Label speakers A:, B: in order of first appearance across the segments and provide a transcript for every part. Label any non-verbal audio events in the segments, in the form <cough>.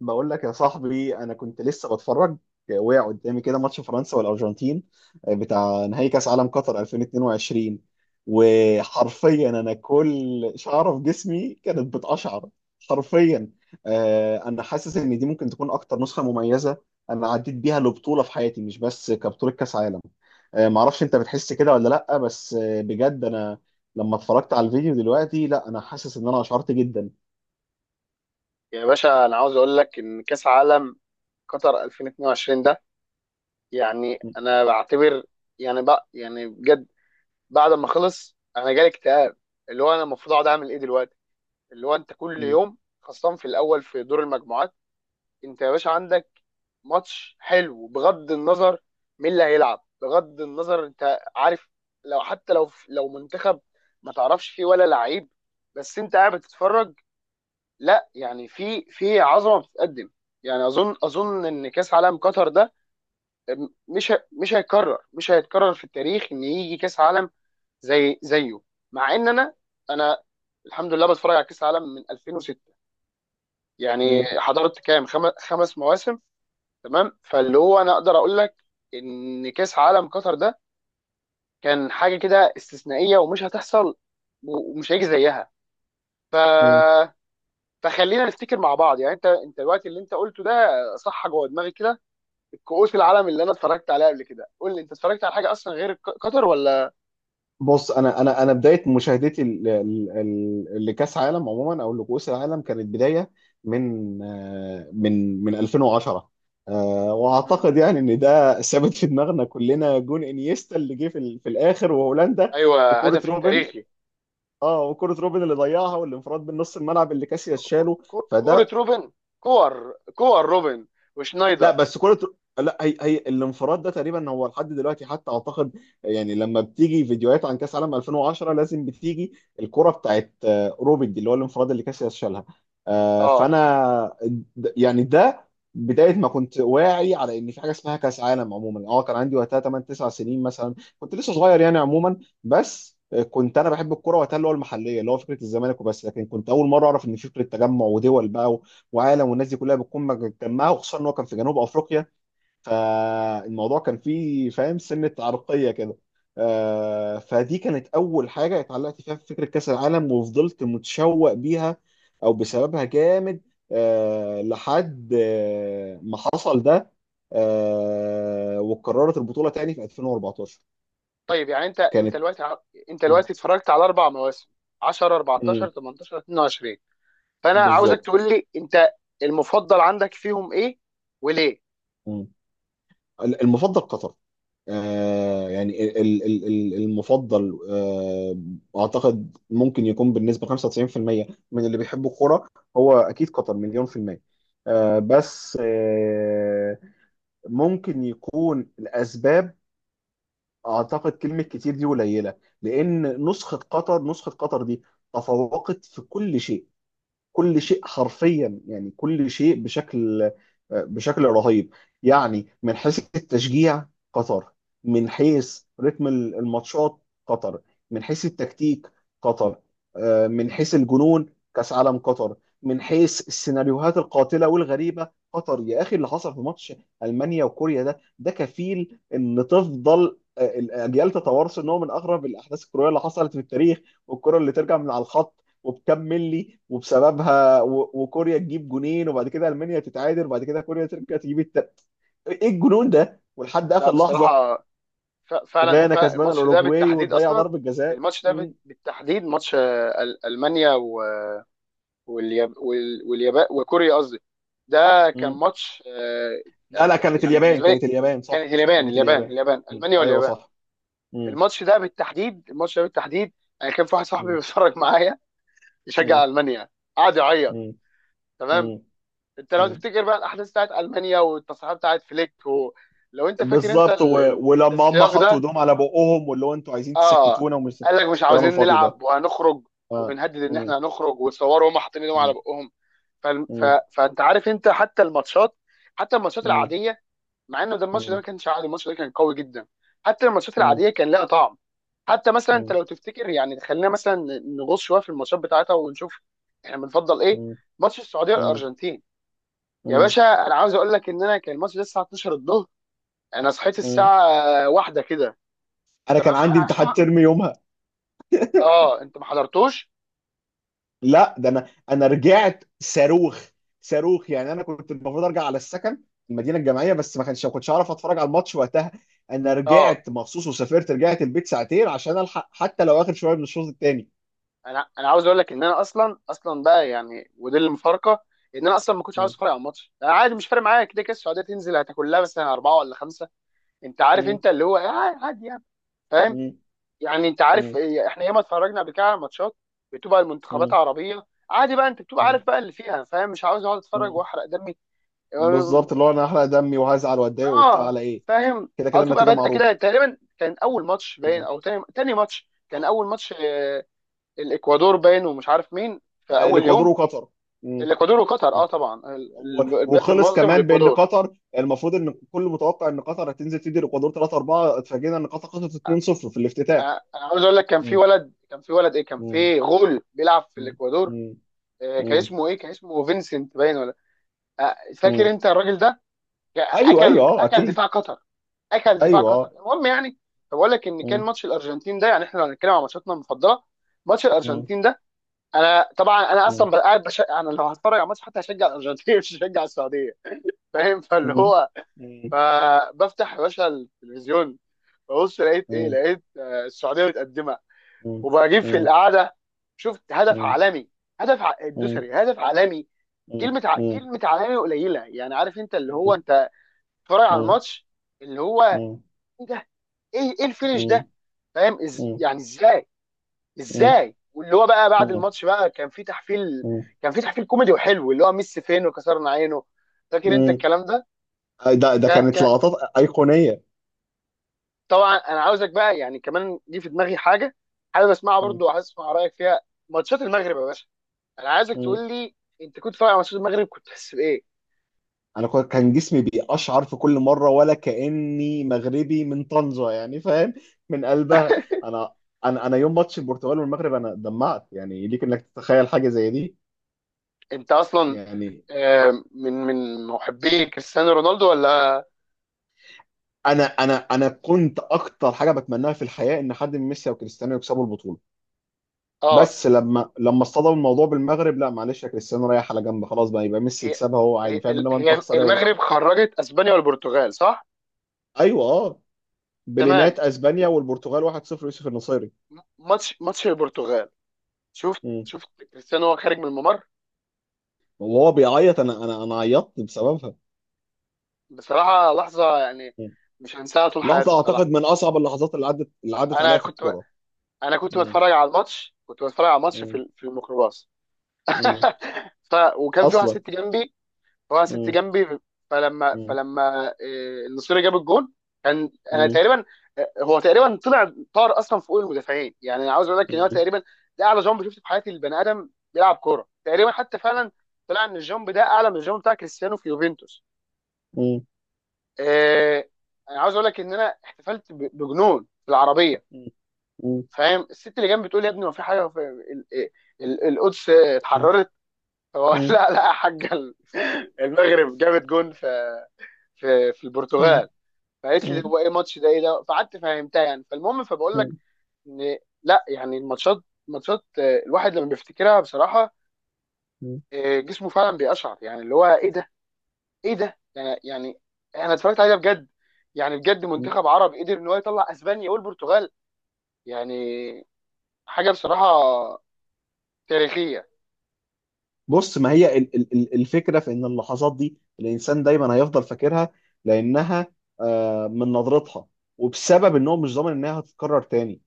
A: بقول لك يا صاحبي، انا كنت لسه بتفرج. وقع قدامي كده ماتش فرنسا والارجنتين، بتاع نهائي كاس عالم قطر 2022. وحرفيا انا كل شعره في جسمي كانت بتقشعر، حرفيا. انا حاسس ان دي ممكن تكون اكتر نسخه مميزه انا عديت بيها لبطوله في حياتي، مش بس كبطوله كاس عالم. معرفش انت بتحس كده ولا لا، بس بجد انا لما اتفرجت على الفيديو دلوقتي، لا انا حاسس ان اشعرت جدا.
B: يا باشا انا عاوز اقول لك ان كاس عالم قطر 2022 ده. يعني
A: م-
B: انا بعتبر يعني بقى يعني بجد، بعد ما خلص انا جالي اكتئاب، اللي هو انا المفروض اقعد اعمل ايه دلوقتي. اللي هو انت كل يوم خاصة في الاول في دور المجموعات انت يا باشا عندك ماتش حلو، بغض النظر مين اللي هيلعب، بغض النظر انت عارف، لو حتى لو منتخب ما تعرفش فيه ولا لعيب، بس انت قاعد بتتفرج. لا يعني في عظمه بتتقدم. يعني اظن ان كاس عالم قطر ده مش هيتكرر، مش هيتكرر في التاريخ ان يجي كاس عالم زي زيه. مع ان انا الحمد لله بتفرج على كاس عالم من 2006، يعني
A: م-
B: حضرت كام خمس مواسم. تمام، فاللي هو انا اقدر اقول لك ان كاس عالم قطر ده كان حاجه كده استثنائيه ومش هتحصل ومش هيجي زيها. ف
A: م-
B: فخلينا نفتكر مع بعض. يعني انت دلوقتي اللي انت قلته ده صح جوه دماغي كده. الكؤوس العالم اللي انا اتفرجت عليها قبل كده، قول لي انت اتفرجت على حاجه اصلا غير قطر ولا؟
A: بص، انا بدايه مشاهدتي لكاس عالم عموما او لكؤوس العالم، كانت بدايه من من 2010.
B: مم.
A: واعتقد يعني ان ده ثابت في دماغنا كلنا، جون انيستا اللي جه في الاخر وهولندا،
B: ايوه،
A: وكره
B: هدف
A: روبن.
B: التاريخي
A: اه، وكره روبن اللي ضيعها، والانفراد من نص الملعب اللي كاسياس شاله.
B: كوره
A: فده.
B: روبن. كور روبن
A: لا
B: وشنايدر.
A: بس كرة. لا، هي هي الانفراد ده تقريبا هو لحد دلوقتي حتى اعتقد، يعني لما بتيجي فيديوهات عن كاس عالم 2010 لازم بتيجي الكرة بتاعت روبن دي، اللي هو الانفراد اللي كاسياس شالها.
B: اه
A: فانا يعني ده بداية ما كنت واعي على ان في حاجة اسمها كاس عالم عموما. اه كان عندي وقتها 8 9 سنين مثلا، كنت لسه صغير يعني عموما. بس كنت انا بحب الكرة وقتها، اللي هو المحلية، اللي هو فكرة الزمالك وبس، لكن كنت اول مرة اعرف ان في فكرة تجمع ودول بقى وعالم، والناس دي كلها بتكون مجتمعه، وخصوصا ان هو كان في جنوب افريقيا، فالموضوع كان فيه فاهم سنه عرقيه كده. فدي كانت اول حاجه اتعلقت فيها في فكره كاس العالم، وفضلت متشوق بيها او بسببها جامد، لحد ما حصل ده. وقررت البطوله تاني في 2014
B: طيب، يعني
A: كانت.
B: انت
A: مم.
B: دلوقتي اتفرجت على اربع مواسم: 10، 14،
A: مم.
B: 18، 22. فانا عاوزك
A: بالظبط.
B: تقول لي انت المفضل عندك فيهم ايه وليه؟
A: مم. المفضل قطر. يعني المفضل، اعتقد ممكن يكون بالنسبه 95% من اللي بيحبوا الكوره هو اكيد قطر مليون في الميه. آه بس آه ممكن يكون الاسباب، اعتقد كلمه كتير دي قليله، لان نسخه قطر، نسخه قطر دي تفوقت في كل شيء. كل شيء حرفيا، يعني كل شيء بشكل، بشكل رهيب. يعني من حيث التشجيع، قطر. من حيث رتم الماتشات، قطر. من حيث التكتيك، قطر. من حيث الجنون، كأس عالم قطر. من حيث السيناريوهات القاتلة والغريبة، قطر. يا أخي، اللي حصل في ماتش ألمانيا وكوريا ده، ده كفيل إن تفضل الأجيال تتوارث إن هو من أغرب الأحداث الكروية اللي حصلت في التاريخ. والكرة اللي ترجع من على الخط وبكام ملي وبسببها وكوريا تجيب جونين، وبعد كده المانيا تتعادل، وبعد كده كوريا ترجع تجيب التالت. ايه الجنون ده؟ ولحد
B: لا
A: اخر لحظه
B: بصراحه، فعلا
A: غانا
B: فعلا
A: كسبانه
B: الماتش ده
A: الاوروجواي
B: بالتحديد
A: وتضيع
B: اصلا،
A: ضربه جزاء. مم.
B: بالتحديد ماتش المانيا واليابان وكوريا قصدي. ده كان
A: مم.
B: ماتش،
A: لا
B: يعني
A: لا كانت
B: يعني
A: اليابان،
B: بالنسبه لي
A: كانت اليابان
B: كان
A: صح،
B: اليابان
A: كانت
B: اليابان
A: اليابان.
B: اليابان،
A: مم.
B: المانيا
A: ايوه
B: واليابان.
A: صح. مم.
B: الماتش ده بالتحديد. الماتش ده بالتحديد، انا كان في واحد صاحبي
A: مم.
B: بيتفرج <laughs> معايا يشجع
A: مم.
B: المانيا، قعد يعيط.
A: مم.
B: تمام،
A: مم.
B: انت لو
A: مم.
B: تفتكر بقى الاحداث بتاعت المانيا والتصريحات بتاعت فليك لو انت فاكر
A: بالظبط ولما هم
B: السياق
A: حطوا
B: ده.
A: ايدهم على بقهم، واللي هو انتوا عايزين
B: اه،
A: تسكتونا ومش،
B: قال لك مش
A: الكلام
B: عاوزين
A: الفاضي ده.
B: نلعب وهنخرج،
A: اه.
B: وبنهدد ان
A: مم.
B: احنا هنخرج، وتصوروا هم حاطين ايدهم على
A: مم.
B: بقهم. ف... ف...
A: مم.
B: فانت عارف انت حتى الماتشات، حتى الماتشات
A: مم.
B: العاديه، مع انه ده الماتش ده ما كانش عادي، الماتش ده كان قوي جدا. حتى الماتشات
A: مم.
B: العاديه كان لها طعم. حتى مثلا انت
A: مم.
B: لو تفتكر، يعني خلينا مثلا نغوص شويه في الماتشات بتاعتها ونشوف احنا بنفضل ايه.
A: مم.
B: ماتش السعوديه
A: مم.
B: والارجنتين، يا
A: مم.
B: باشا انا عاوز اقول لك ان انا كان الماتش ده الساعه 12 الظهر، انا صحيت
A: مم.
B: الساعه واحدة كده.
A: انا
B: تمام،
A: كان عندي امتحان ترم يومها.
B: اه انت ما حضرتوش؟
A: لا ده انا رجعت صاروخ. صاروخ، يعني انا كنت المفروض ارجع على السكن، المدينه الجامعيه، بس ما كانش، ما كنتش اعرف اتفرج على الماتش وقتها. انا
B: اه،
A: رجعت مخصوص وسافرت، رجعت البيت ساعتين عشان الحق حتى لو اخر شويه من الشوط الثاني.
B: انا عاوز اقول لك ان انا اصلا بقى يعني، ودي المفارقه، ان انا اصلا ما كنتش عاوز اتفرج على الماتش. انا عادي مش فارق معايا، كده كده السعوديه تنزل هتاكل لها مثلا اربعه ولا خمسه. انت عارف انت اللي هو عادي يعني، فاهم. يعني انت عارف إيه، احنا ياما اتفرجنا قبل كده على ماتشات بتبقى المنتخبات عربيه، عادي بقى انت بتبقى عارف بقى اللي فيها، فاهم، مش عاوز اقعد اتفرج واحرق دمي. اه
A: بالظبط، اللي هو انا هحرق دمي وهزعل واتضايق وبتاع
B: آه،
A: على ايه؟
B: فاهم،
A: كده
B: او
A: كده
B: تبقى
A: النتيجه
B: بادئه
A: معروفه.
B: كده تقريبا، كان اول ماتش باين،
A: مم.
B: او تاني ماتش، كان
A: او
B: اول ماتش، الاكوادور باين ومش عارف مين في اول
A: الاكوادور
B: يوم.
A: وقطر.
B: الاكوادور وقطر اه، طبعا
A: هو
B: البلد
A: وخلص
B: المنظم
A: كمان بان
B: والاكوادور.
A: قطر، المفروض ان كل متوقع ان قطر هتنزل تدي الاكوادور 3 4، اتفاجئنا ان قطر خسرت 2-0 في الافتتاح.
B: انا عاوز اقول لك كان في
A: مم.
B: ولد، كان في ولد ايه كان
A: مم.
B: في غول بيلعب في
A: مم.
B: الاكوادور،
A: مم.
B: كان
A: مم.
B: اسمه ايه، كان اسمه فينسنت باين ولا؟ فاكر
A: مم.
B: انت الراجل ده؟
A: ايوه ايوه،
B: اكل
A: اه
B: اكل
A: اكيد.
B: دفاع قطر، اكل دفاع
A: ايوه
B: قطر
A: اه.
B: المهم يعني. فبقول لك ان كان
A: مم.
B: ماتش الارجنتين ده، يعني احنا لو هنتكلم عن ماتشاتنا المفضله، ماتش
A: مم.
B: الارجنتين ده، انا طبعا انا
A: مم.
B: اصلا قاعد بش... انا لو هتفرج على ماتش حتى هشجع الارجنتين، <laughs> مش هشجع السعوديه. <laughs> فاهم، فاللي
A: مم.
B: هو،
A: مم.
B: فبفتح يا باشا التلفزيون، ببص لقيت ايه،
A: مم.
B: لقيت السعوديه متقدمه،
A: مم.
B: وبجيب في
A: مم.
B: القعده شفت هدف عالمي.
A: مم.
B: الدوسري هدف عالمي.
A: مم. مم. مم.
B: كلمه عالمي قليله، يعني عارف انت اللي هو انت بتتفرج على
A: مم.
B: الماتش اللي هو
A: مم.
B: ايه ده، ايه الفينش
A: مم.
B: ده. فاهم
A: مم.
B: يعني ازاي، ازاي. واللي هو بقى بعد
A: مم.
B: الماتش بقى كان في تحفيل،
A: مم.
B: كان في تحفيل كوميدي وحلو، اللي هو ميسي فين وكسرنا عينه، فاكر انت
A: مم.
B: الكلام ده؟
A: ده ده كانت
B: ك...
A: لقطات ايقونيه.
B: طبعا انا عاوزك بقى يعني كمان دي في دماغي حاجه، حابب اسمعها برضو وعايز اسمع رايك فيها. ماتشات المغرب يا باشا، انا عايزك تقول لي انت كنت فاهم على ماتشات المغرب، كنت تحس بايه؟
A: انا كان جسمي بيقشعر في كل مره، ولا كاني مغربي من طنجه يعني، فاهم؟ من قلبها.
B: <laughs>
A: انا انا يوم ماتش البرتغال والمغرب انا دمعت، يعني ليك انك تتخيل حاجه زي دي.
B: انت اصلا
A: يعني
B: من من محبي كريستيانو رونالدو ولا؟
A: انا كنت اكتر حاجه بتمناها في الحياه ان حد من ميسي او كريستيانو يكسبوا البطوله،
B: اه،
A: بس لما اصطدم الموضوع بالمغرب، لا معلش يا كريستيانو، رايح على جنب خلاص بقى، يبقى ميسي
B: هي
A: يكسبها هو عادي،
B: هي
A: فاهم؟ انما انت
B: هي
A: اخسر إيه ولا.
B: المغرب خرجت اسبانيا والبرتغال صح؟
A: ايوه اه.
B: تمام،
A: بلينات اسبانيا والبرتغال 1-0 يوسف النصيري.
B: ماتش البرتغال، شفت كريستيانو وهو خارج من الممر.
A: وهو بيعيط، انا عيطت بسببها.
B: بصراحه لحظه يعني
A: مم.
B: مش هنساها طول حياتي
A: لحظه اعتقد
B: بصراحه.
A: من اصعب اللحظات اللي عدت، اللي عدت
B: انا
A: عليا في
B: كنت
A: الكوره.
B: انا كنت
A: مم.
B: بتفرج على الماتش، كنت بتفرج على الماتش في
A: مم.
B: في الميكروباص،
A: مم.
B: <laughs> ف وكان في واحد
A: اصلا.
B: ست جنبي، واحد ست
A: مم.
B: جنبي فلما
A: مم.
B: النصيري جاب الجون، كان انا
A: مم.
B: تقريبا، هو تقريبا طلع طار اصلا فوق المدافعين. يعني انا عاوز اقول لك ان هو
A: مم.
B: تقريبا ده اعلى جامب شفته في حياتي البني ادم بيلعب كوره تقريبا، حتى فعلا طلع ان الجامب ده اعلى من الجامب بتاع كريستيانو في يوفنتوس.
A: مم.
B: آه، انا عاوز اقول لك ان انا احتفلت بجنون في العربيه،
A: مم. مم.
B: فاهم. الست اللي جنبي بتقول يا ابني ما في حاجه في القدس اتحررت؟ فبقول <laughs>
A: مم.
B: لا لا يا حاجه، المغرب جابت جون في في
A: مم.
B: البرتغال. فقالت لي
A: مم.
B: هو ايه الماتش ده، ايه ده؟ فقعدت فهمتها يعني. فالمهم، فبقول لك
A: مم.
B: ان لا يعني الماتشات، ماتشات الواحد لما بيفتكرها بصراحه، جسمه فعلا بيقشعر يعني، اللي هو ايه ده، ايه ده يعني. يعني انا اتفرجت عليها بجد، يعني بجد
A: مم.
B: منتخب عربي قدر ان هو يطلع اسبانيا والبرتغال، يعني حاجه بصراحه تاريخيه.
A: بص، ما هي الفكره في ان اللحظات دي الانسان دايما هيفضل فاكرها، لانها من نظرتها، وبسبب ان هو مش ضامن انها هتتكرر تاني،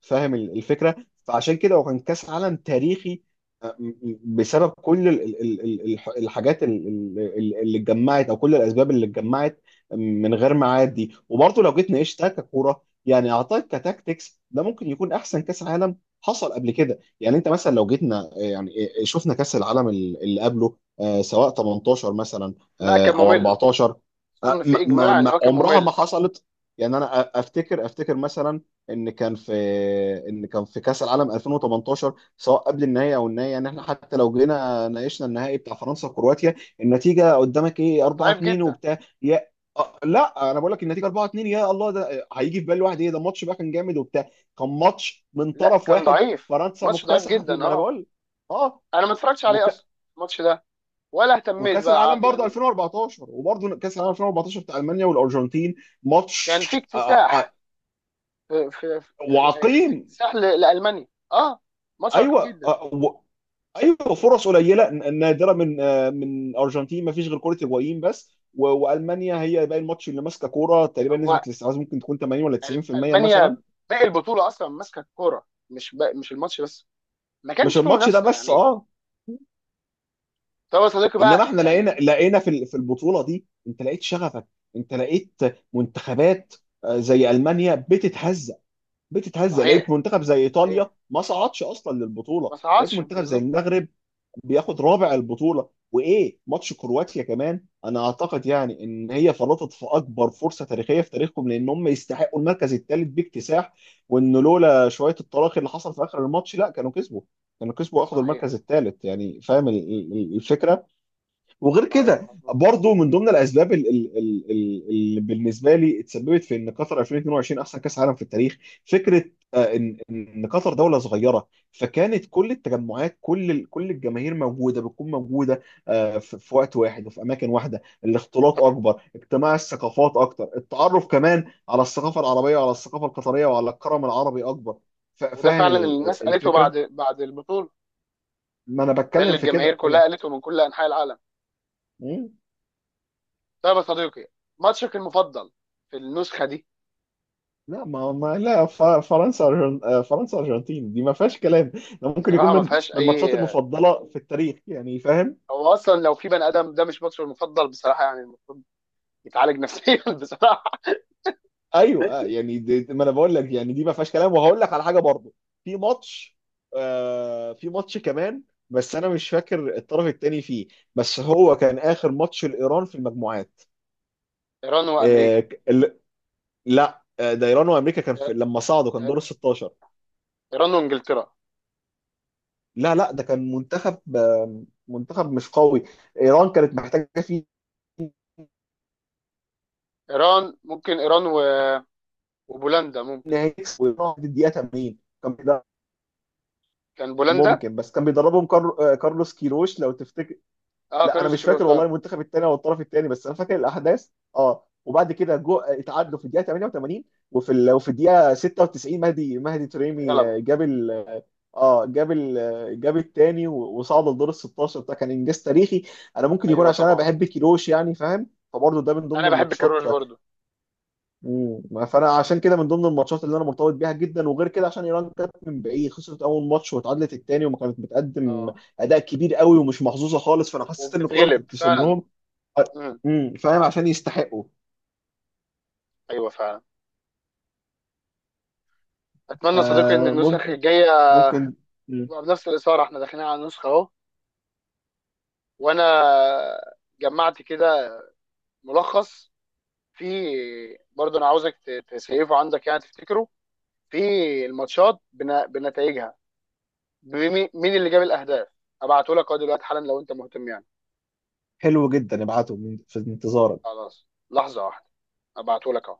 A: فاهم الفكره؟ فعشان كده هو كان كاس عالم تاريخي، بسبب كل الحاجات اللي اتجمعت، او كل الاسباب اللي اتجمعت من غير ميعاد دي. وبرضه لو جيت نعيشتها ككوره، يعني اعتقد كتاكتكس ده ممكن يكون احسن كاس عالم حصل قبل كده. يعني انت مثلا لو جيتنا يعني، شفنا كاس العالم اللي قبله، سواء 18 مثلا
B: لا كان
A: او
B: ممل،
A: 14،
B: اظن في اجماع ان هو كان
A: عمرها ما
B: ممل.
A: حصلت. يعني انا افتكر، افتكر مثلا ان كان في، ان كان في كاس العالم 2018 سواء قبل النهائي او النهائي، يعني احنا حتى لو جينا ناقشنا النهائي بتاع فرنسا وكرواتيا، النتيجه قدامك ايه؟
B: كان
A: 4
B: ضعيف
A: 2
B: جدا،
A: وبتاع يا لا انا بقول لك النتيجه 4 2، يا الله ده هيجي في بال واحد ايه ده الماتش بقى كان جامد وبتاع؟ كان ماتش من
B: لا
A: طرف
B: كان
A: واحد،
B: ضعيف،
A: فرنسا
B: ماتش ضعيف
A: مكتسحه فيه
B: جدا
A: ما انا
B: اه.
A: بقول لك. اه
B: انا ما اتفرجتش عليه
A: وك...
B: اصلا الماتش ده، ولا اهتميت
A: وكاس
B: بقى،
A: العالم
B: عادي
A: برضه
B: يعني.
A: 2014، وبرضه كاس العالم 2014 بتاع المانيا والارجنتين،
B: يعني في
A: ماتش
B: اكتساح، يعني كان في
A: وعقيم.
B: اكتساح لالمانيا اه، ماتش عقيم
A: ايوه
B: جدا.
A: ايوه، فرص قليله نادره من من ارجنتين، ما فيش غير كره هيجوين بس، والمانيا هي باقي الماتش اللي ماسكه كوره، تقريبا
B: هو
A: نسبه الاستحواذ ممكن تكون 80 ولا 90% مثلا.
B: المانيا باقي البطوله اصلا ماسكه الكوره، مش باقي مش الماتش بس. ما
A: مش
B: كانش فيه
A: الماتش ده
B: منافسه
A: بس
B: يعني.
A: اه.
B: طب يا صديقي
A: انما
B: بقى
A: احنا لقينا،
B: يعني،
A: لقينا في في البطوله دي انت لقيت شغفك، انت لقيت منتخبات زي المانيا بتتهزق، بتتهزق، لقيت
B: صحيح
A: منتخب زي ايطاليا
B: صحيح
A: ما صعدش اصلا للبطوله،
B: ما
A: لقيت
B: صعدش
A: منتخب زي
B: بالظبط.
A: المغرب بياخد رابع البطوله. وايه ماتش كرواتيا كمان؟ انا اعتقد يعني ان هي فرطت في اكبر فرصه تاريخيه في تاريخهم، لان هم يستحقوا المركز الثالث باكتساح، وان لولا شويه الطلاق اللي حصل في اخر الماتش، لا كانوا كسبوا، كانوا كسبوا واخدوا
B: صحيح،
A: المركز الثالث. يعني فاهم الفكره؟ وغير
B: صحيح
A: كده
B: مظبوط.
A: برضو، من ضمن الاسباب اللي بالنسبه لي اتسببت في ان قطر 2022 احسن كاس عالم في التاريخ، فكره ان قطر دوله صغيره، فكانت كل التجمعات، كل كل الجماهير موجوده، بتكون موجوده في في وقت واحد وفي اماكن واحده، الاختلاط اكبر، اجتماع الثقافات اكتر، التعرف كمان على الثقافه العربيه وعلى الثقافه القطريه وعلى الكرم العربي اكبر،
B: وده
A: فاهم
B: فعلا اللي الناس قالته بعد
A: الفكره؟
B: بعد البطوله،
A: ما انا
B: ده اللي
A: بتكلم في
B: الجماهير
A: كده.
B: كلها قالته من كل انحاء العالم.
A: ايوه.
B: طيب يا صديقي، ماتشك المفضل في النسخه دي؟
A: لا ما ما لا، فرنسا فرنسا ارجنتين دي ما فيهاش كلام، ده ممكن يكون
B: بصراحه ما
A: من من
B: فيهاش
A: الماتشات
B: اي،
A: المفضله في التاريخ، يعني فاهم.
B: هو اصلا لو في بني ادم ده مش ماتشه المفضل بصراحه، يعني المفروض يتعالج نفسيا. <laughs> بصراحه
A: ايوه يعني دي ما انا بقول لك يعني دي ما فيهاش كلام. وهقول لك على حاجه برضه، في ماتش، في ماتش كمان، بس انا مش فاكر الطرف الثاني فيه، بس هو كان اخر ماتش لايران في المجموعات.
B: ايران وامريكا،
A: آه ك- ال- لا ده ايران وامريكا كان في لما صعدوا، كان دور ال 16.
B: ايران وانجلترا،
A: لا لا، ده كان منتخب منتخب مش قوي، ايران كانت محتاجه فيه
B: ايران ممكن، وبولندا
A: ان
B: ممكن،
A: هيكسب، ويقع في الدقيقه 80. كان بيدرب،
B: كان بولندا.
A: ممكن، بس كان بيدربهم كارلوس كيروش لو تفتكر.
B: اه
A: لا انا
B: كارلوس
A: مش
B: كيروش
A: فاكر
B: اه،
A: والله المنتخب الثاني او الطرف الثاني، بس انا فاكر الاحداث. اه، وبعد كده جو اتعادلوا في الدقيقه 88، وفي الدقيقه 96 مهدي، مهدي تريمي
B: غلبه.
A: جاب ال... آه، جاب الثاني وصعد لدور ال 16، ده كان انجاز تاريخي. انا ممكن يكون
B: ايوه
A: عشان انا
B: طبعا
A: بحب كيروش يعني فاهم، فبرضه ده من ضمن
B: انا بحب
A: الماتشات.
B: كيروش برضو.
A: مم. فانا عشان كده من ضمن الماتشات اللي انا مرتبط بيها جدا. وغير كده، عشان ايران كانت من بعيد خسرت اول ماتش، واتعادلت التاني، وما كانت بتقدم
B: اه
A: اداء كبير قوي، ومش محظوظه خالص، فانا حسيت ان الكوره
B: وبتتغلب
A: بتكتسب
B: فعلا.
A: لهم.
B: مم.
A: فاهم، عشان يستحقوا.
B: ايوه فعلا. اتمنى صديقي ان النسخ
A: فممكن،
B: الجايه
A: ممكن. مم.
B: بنفس الاثاره، احنا داخلين على النسخه اهو. وانا جمعت كده ملخص في، برضه انا عاوزك تسيفه عندك يعني تفتكره في الماتشات بنتائجها، مين اللي جاب الاهداف. ابعته لك اهو دلوقتي حالا لو انت مهتم يعني.
A: حلو جدا، ابعتهم في انتظارك.
B: خلاص لحظه واحده، ابعته لك اهو.